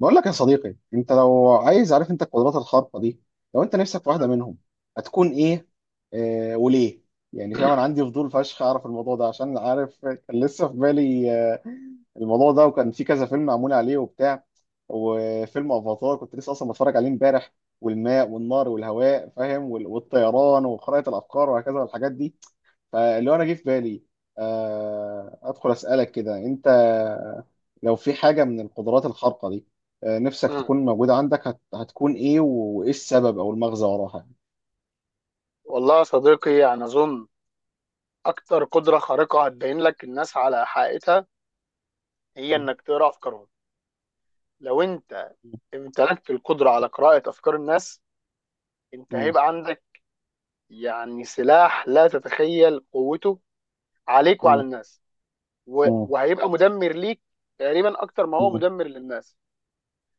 بقول لك يا صديقي، انت لو عايز عارف انت القدرات الخارقه دي، لو انت نفسك في واحده مم. منهم هتكون ايه؟ آه، وليه؟ يعني فاهم، انا عندي فضول فشخ اعرف الموضوع ده عشان عارف كان لسه في بالي الموضوع ده، وكان في كذا فيلم معمول عليه وبتاع، وفيلم افاتار كنت لسه اصلا بتفرج عليه امبارح، والماء والنار والهواء فاهم، والطيران وخرائط الافكار وهكذا والحاجات دي. فاللي هو انا جه في بالي، ادخل اسالك كده انت، لو في حاجه من القدرات الخارقه دي نفسك مم. تكون موجوده عندك هتكون ايه وايه السبب او المغزى وراها؟ والله يا صديقي، يعني أظن أكتر قدرة خارقة هتبين لك الناس على حقيقتها هي يعني. إنك تقرأ أفكارهم. لو أنت امتلكت القدرة على قراءة أفكار الناس، أنت مم. هيبقى عندك يعني سلاح لا تتخيل قوته عليك وعلى مم. الناس. مم. وهيبقى مدمر ليك تقريبا أكتر ما هو مم. مدمر للناس.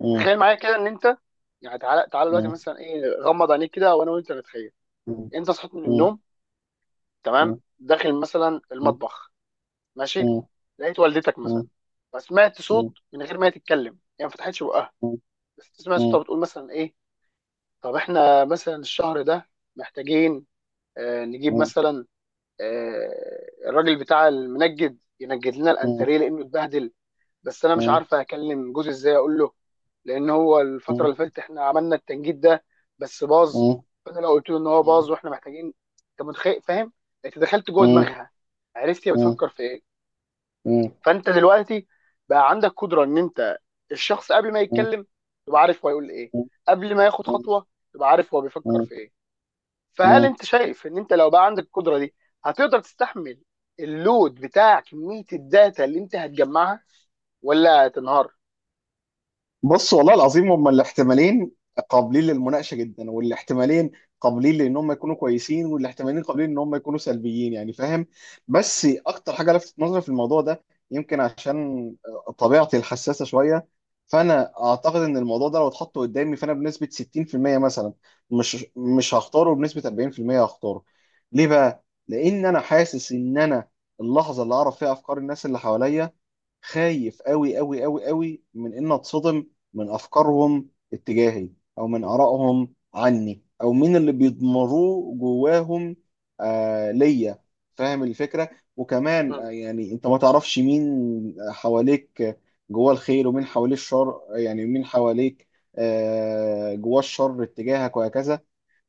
مم. تخيل معايا كده إن أنت يعني تعالى تعالى دلوقتي مم. مثلا إيه غمض عينيك كده، وأنا وأنت نتخيل. مم. أنت صحيت من مم. النوم، تمام، داخل مثلا مم. المطبخ، ماشي، مم. لقيت والدتك مثلا، مم. فسمعت صوت مم. من غير ما هي تتكلم، هي ما فتحتش بقها، بس تسمع مم. صوتها بتقول مثلا ايه: طب احنا مثلا الشهر ده محتاجين، نجيب مم. مثلا، الراجل بتاع المنجد ينجد لنا مم. الانتريه لانه اتبهدل، بس انا مش مم. عارفه اكلم جوزي ازاي اقول له، لان هو الفتره مم. اللي فاتت احنا عملنا التنجيد ده بس باظ، مم. فانا لو قلت له ان هو باظ واحنا محتاجين. انت متخيل؟ فاهم؟ انت دخلت جوه مم. مم. دماغها، عرفت هي مم. بتفكر في ايه. مم. مم. فانت دلوقتي بقى عندك قدره ان انت الشخص قبل ما يتكلم تبقى عارف هو هيقول ايه، مم. قبل ما ياخد مم. خطوه تبقى عارف هو بيفكر مم. في ايه. فهل مم. انت شايف ان انت لو بقى عندك القدره دي هتقدر تستحمل اللود بتاع كميه الداتا اللي انت هتجمعها ولا هتنهار؟ بص، والله العظيم هما الاحتمالين قابلين للمناقشه جدا، والاحتمالين قابلين لان هم يكونوا كويسين، والاحتمالين قابلين ان هم يكونوا سلبيين، يعني فاهم. بس اكتر حاجه لفتت نظري في الموضوع ده يمكن عشان طبيعتي الحساسه شويه، فانا اعتقد ان الموضوع ده لو اتحط قدامي فانا بنسبه 60% مثلا مش هختاره، بنسبه 40% هختاره. ليه بقى؟ لان انا حاسس ان انا اللحظه اللي اعرف فيها افكار الناس اللي حواليا خايف قوي قوي قوي قوي من ان اتصدم من افكارهم اتجاهي، او من ارائهم عني، او من اللي بيضمروه جواهم آه ليا، فاهم الفكره. وكمان مم. يعني انت ما تعرفش مين حواليك جواه الخير، ومين حواليه الشر، يعني مين حواليك جواه الشر اتجاهك، وهكذا.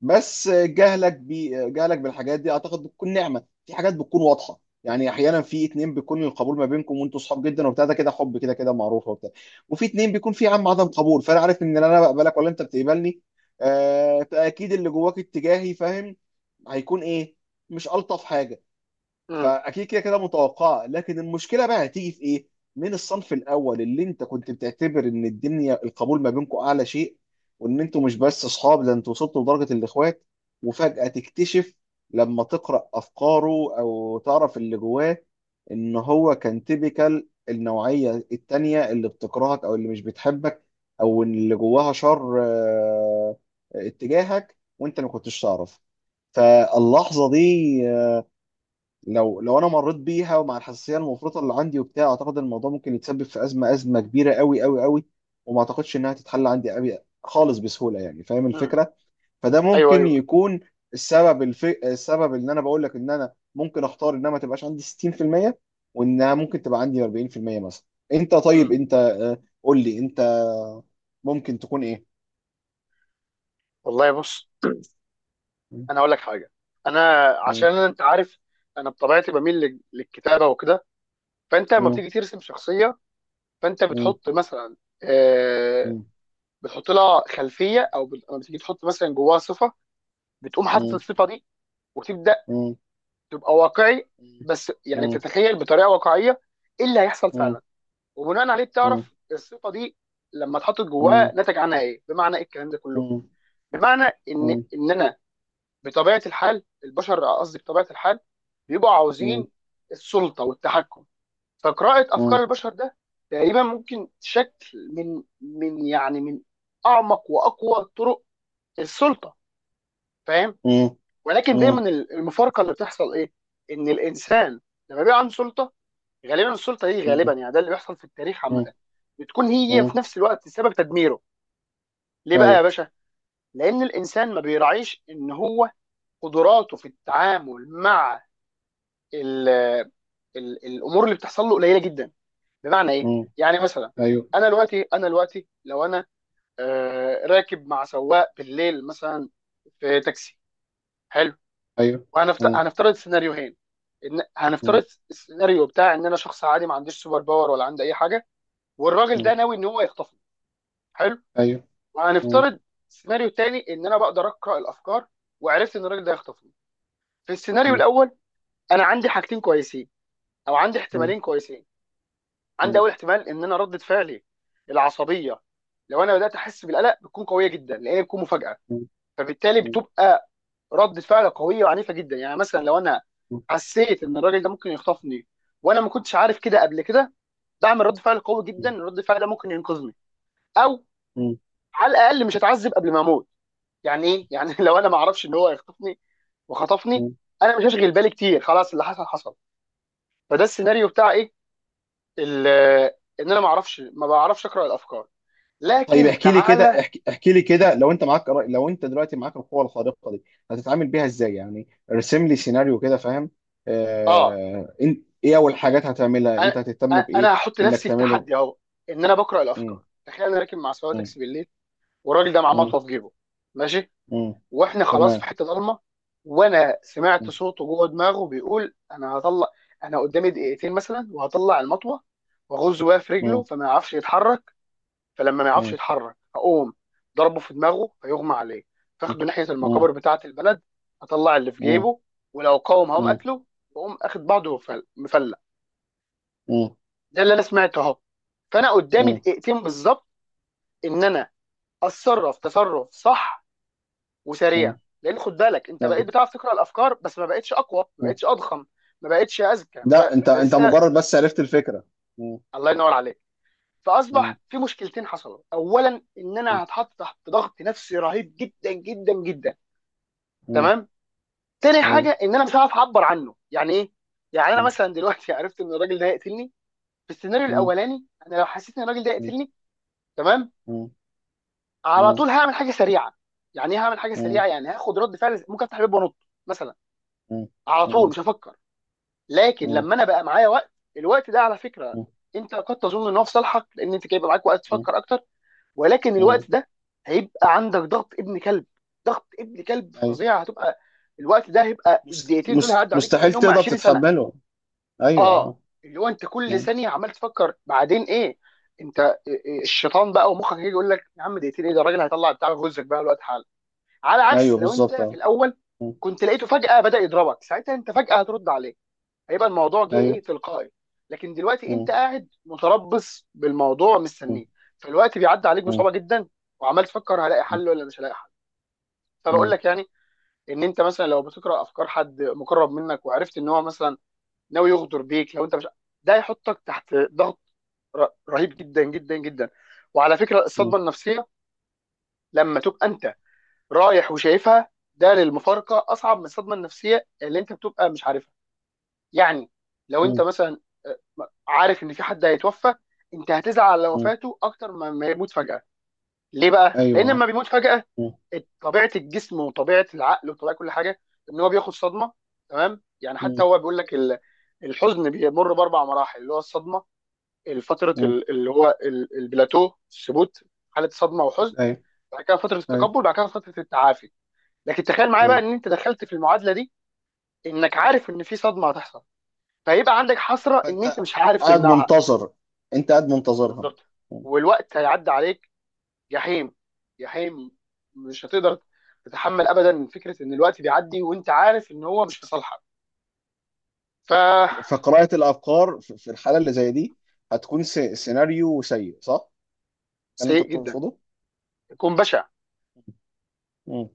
بس جهلك بالحاجات دي اعتقد بتكون نعمه، في حاجات بتكون واضحه يعني، احيانا في اتنين بيكون القبول ما بينكم وانتوا صحاب جدا وبتاع، ده كده حب كده كده معروفه وبتاع، وفي اتنين بيكون في عدم قبول، فانا عارف ان لا انا بقبلك ولا انت بتقبلني، آه، فاكيد اللي جواك اتجاهي فاهم هيكون ايه؟ مش الطف حاجه، مم. فاكيد كده كده متوقعه. لكن المشكله بقى هتيجي في ايه؟ من الصنف الاول اللي انت كنت بتعتبر ان الدنيا القبول ما بينكم اعلى شيء، وان انتوا مش بس اصحاب، ده انتوا وصلتوا لدرجه الاخوات، وفجاه تكتشف لما تقرا افكاره او تعرف اللي جواه ان هو كان تيبيكال النوعيه التانيه اللي بتكرهك او اللي مش بتحبك، او إن اللي جواها شر اتجاهك وانت ما كنتش تعرف. فاللحظه دي لو انا مريت بيها ومع الحساسيه المفرطه اللي عندي وبتاع، اعتقد الموضوع ممكن يتسبب في ازمه ازمه كبيره قوي قوي قوي، وما اعتقدش انها تتحل عندي قوي خالص بسهوله، يعني فاهم مم. الفكره. فده ايوه، ممكن ايوه. يكون السبب ان انا بقول لك ان انا ممكن اختار انها ما تبقاش عندي 60%، وانها ممكن تبقى عندي 40% مثلا. انت، طيب مم. انت قول لي انت ممكن تكون ايه؟ والله، بص، م- انا اقول لك حاجه. انا م- عشان انت عارف، انا بطبيعتي بميل للكتابه وكده. فانت لما م- بتيجي ترسم شخصيه، فانت م- بتحط مثلا، آه، م- بتحط لها خلفيه، او لما بتيجي تحط مثلا جواها صفه، بتقوم حاطط م- الصفه دي وتبدا م- م- تبقى واقعي، بس يعني بتتخيل بطريقه واقعيه ايه اللي هيحصل م- فعلا، وبناء عليه بتعرف الصفه دي لما اتحطت جواها م- نتج عنها ايه، بمعنى ايه الكلام ده م- كله؟ م- بمعنى ان مم. ان انا بطبيعه الحال البشر، قصدي بطبيعه الحال بيبقوا مم. عاوزين السلطه والتحكم. فقراءة أفكار مم. البشر ده تقريبا ممكن شكل من يعني من أعمق وأقوى طرق السلطة، فاهم؟ مم. ولكن مم. دايما المفارقة اللي بتحصل إيه؟ إن الإنسان لما بيبقى عنده سلطة، غالبا السلطة دي غالبا مم. يعني ده اللي بيحصل في التاريخ مم. عامة، بتكون هي مم. في نفس الوقت سبب تدميره. ليه بقى يا ايوه. باشا؟ لأن الإنسان ما بيراعيش إن هو قدراته في التعامل مع ال ال الأمور اللي بتحصل له قليلة جدا. بمعنى ايه؟ مم. يعني مثلا، ايوه انا دلوقتي لو انا راكب مع سواق بالليل مثلا في تاكسي، حلو. ايوه. وهنفترض مم. هنفترض سيناريوهين. ان مم. هنفترض السيناريو بتاع ان انا شخص عادي ما عنديش سوبر باور ولا عندي اي حاجه، والراجل ده مم. ناوي ان هو يخطفني، حلو. ايوه. مم. وهنفترض السيناريو الثاني ان انا بقدر اقرا الافكار وعرفت ان الراجل ده هيخطفني. في السيناريو مم. الاول انا عندي حاجتين كويسين، او عندي مم. احتمالين كويسين. عندي مم. اول احتمال ان انا رده فعلي العصبيه، لو انا بدات احس بالقلق بتكون قويه جدا لان بتكون مفاجاه، مم. فبالتالي بتبقى رده فعل قويه وعنيفه جدا. يعني مثلا لو انا مم. حسيت ان الراجل ده ممكن يخطفني وانا ما كنتش عارف كده قبل كده، بعمل رد فعل قوي جدا، رد فعل ده ممكن ينقذني او مم. على الاقل مش هتعذب قبل ما اموت. يعني ايه؟ يعني لو انا ما اعرفش ان هو هيخطفني وخطفني مم. انا مش هشغل بالي كتير، خلاص اللي حصل حصل. فده السيناريو بتاع ايه؟ ال- ان انا ما بعرفش اقرا الافكار. طيب لكن احكي لي كده، تعالى. احكي احكي لي كده، لو انت دلوقتي معاك القوة الخارقة دي هتتعامل بيها ازاي؟ يعني ارسم لي سيناريو كده فاهم. اه آه... إن- ايه اول حاجات هتعملها؟ انت انا هتهتم أنا بايه؟ هحط انك نفسي في تعمله. تحدي اهو ان انا بقرا مم. الافكار. تخيل انا راكب مع سواق مم. تاكسي بالليل، والراجل ده معاه مم. مطوه في جيبه، ماشي، مم. واحنا خلاص في تمام. حته ضلمه، وانا سمعت صوته جوه دماغه بيقول: انا هطلع، انا قدامي دقيقتين مثلا وهطلع المطوه واغز بيها في رجله مم. فما يعرفش يتحرك، فلما ما يعرفش مم. يتحرك هقوم ضربه في دماغه فيغمى عليه، فاخده ناحيه مم. المقابر بتاعه البلد، اطلع اللي في مم. جيبه ولو قاوم هقوم مم. قتله واقوم اخد بعضه ومفلق. مم. ده اللي انا سمعته اهو. فانا قدامي مم. دقيقتين بالظبط ان انا اتصرف تصرف صح مم. وسريع. لان خد بالك انت ايوه. بقيت بتعرف تقرا الافكار بس ما بقتش اقوى، ما مم. بقتش اضخم، ما بقتش اذكى، ما بق... لا، انت انت انت لسه. مجرد بس عرفت الفكره. مم. الله ينور عليك. مم. فاصبح في مشكلتين حصلوا، اولا ان مم. انا هتحط تحت ضغط نفسي رهيب جدا جدا جدا، مم. تمام. تاني حاجه ايوه. ان انا مش هعرف اعبر عنه. يعني ايه؟ يعني انا مم. مثلا دلوقتي عرفت ان الراجل ده هيقتلني. في السيناريو مم. الاولاني انا لو حسيت ان الراجل ده هيقتلني، تمام، مم. على مم. طول هعمل حاجه سريعه. يعني ايه هعمل حاجه مم. سريعه؟ يعني هاخد رد فعل، ممكن افتح الباب وانط مثلا، مم. على طول مم. مش هفكر. لكن مم. لما انا بقى معايا وقت، الوقت ده على فكره مم. انت قد تظن ان هو في صالحك لان انت هيبقى معاك وقت مم. تفكر اكتر، ولكن مم. الوقت ده هيبقى عندك ضغط ابن كلب، ضغط ابن كلب ايوه. فظيع هتبقى، الوقت ده هيبقى الدقيقتين دول هيعدوا عليك مستحيل كانهم تقدر 20 سنه. تتحمله. ايوه اه اه. اللي هو انت كل مم. ثانيه عمال تفكر بعدين ايه. انت الشيطان بقى، ومخك هيجي يقول لك: يا عم دقيقتين ايه ده، الراجل هيطلع بتاع غزك بقى الوقت. على ايوه عكس لو انت بالظبط في اه. الاول مم. كنت لقيته فجاه بدا يضربك، ساعتها انت فجاه هترد عليه، هيبقى الموضوع جه ايه ايوه. تلقائي. لكن دلوقتي انت مم. قاعد متربص بالموضوع مم. مستنيه، فالوقت بيعدي عليك مم. بصعوبه جدا، وعمال تفكر هلاقي مم. حل ولا مش هلاقي حل. فبقول لك يعني ان انت مثلا لو بتقرا افكار حد مقرب منك وعرفت ان هو مثلا ناوي يغدر بيك، لو انت مش، ده هيحطك تحت ضغط رهيب جدا جدا جدا. وعلى فكره مم. الصدمه النفسيه لما تبقى انت رايح وشايفها، ده للمفارقه اصعب من الصدمه النفسيه اللي انت بتبقى مش عارفها. يعني لو انت مم. مثلا، آه، عارف ان في حد هيتوفى، انت هتزعل على مم. وفاته اكتر ما يموت فجاه. ليه بقى؟ ايوه لان لما آه. بيموت فجاه مم. طبيعه الجسم وطبيعه العقل وطبيعه كل حاجه ان هو بياخد صدمه، تمام. يعني حتى مم. هو بيقول لك الحزن بيمر باربع مراحل اللي هو الصدمه، فتره مم. اللي هو البلاتو الثبوت، حاله صدمه وحزن، ايوه بعد كده فتره ايوه. التقبل، بعد كده فتره التعافي. لكن تخيل معايا بقى مم. ان انت دخلت في المعادله دي انك عارف ان في صدمه هتحصل، فيبقى عندك حسره ان انت فانت مش عارف قاعد تمنعها. منتظر، انت قاعد منتظرها. بالظبط، مم. والوقت هيعدي عليك جحيم، جحيم، مش هتقدر تتحمل ابدا فكره ان الوقت بيعدي وانت عارف ان هو مش في صالحك. ف فقراءة الافكار في الحالة اللي زي دي هتكون سيناريو سيء صح؟ ده اللي انت سيء جدا، تقصده؟ يكون بشع. مم.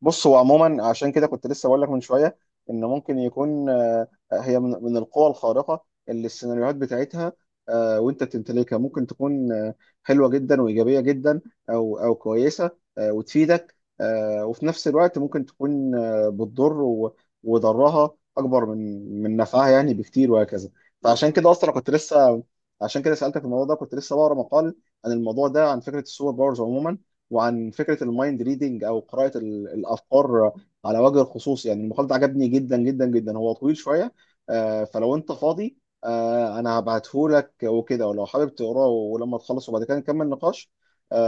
بص، هو عموما عشان كده كنت لسه بقول لك من شويه ان ممكن يكون هي من القوى الخارقه اللي السيناريوهات بتاعتها وانت بتمتلكها ممكن تكون حلوه جدا وايجابيه جدا، او كويسه وتفيدك، وفي نفس الوقت ممكن تكون بتضر وضرها اكبر من نفعها يعني بكتير وهكذا. م- فعشان م. كده اصلا كنت لسه عشان كده سالتك الموضوع ده، كنت لسه بقرا مقال عن الموضوع ده، عن فكره السوبر باورز عموما، وعن فكره المايند ريدنج او قراءه الافكار على وجه الخصوص. يعني المقال ده عجبني جدا جدا جدا، هو طويل شويه فلو انت فاضي انا هبعته لك وكده، ولو حابب تقراه ولما تخلص وبعد كده نكمل نقاش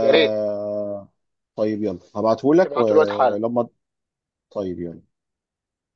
يا ريت. طيب يلا، هبعته لك ابعتوا الوقت حالا. ولما طيب يلا.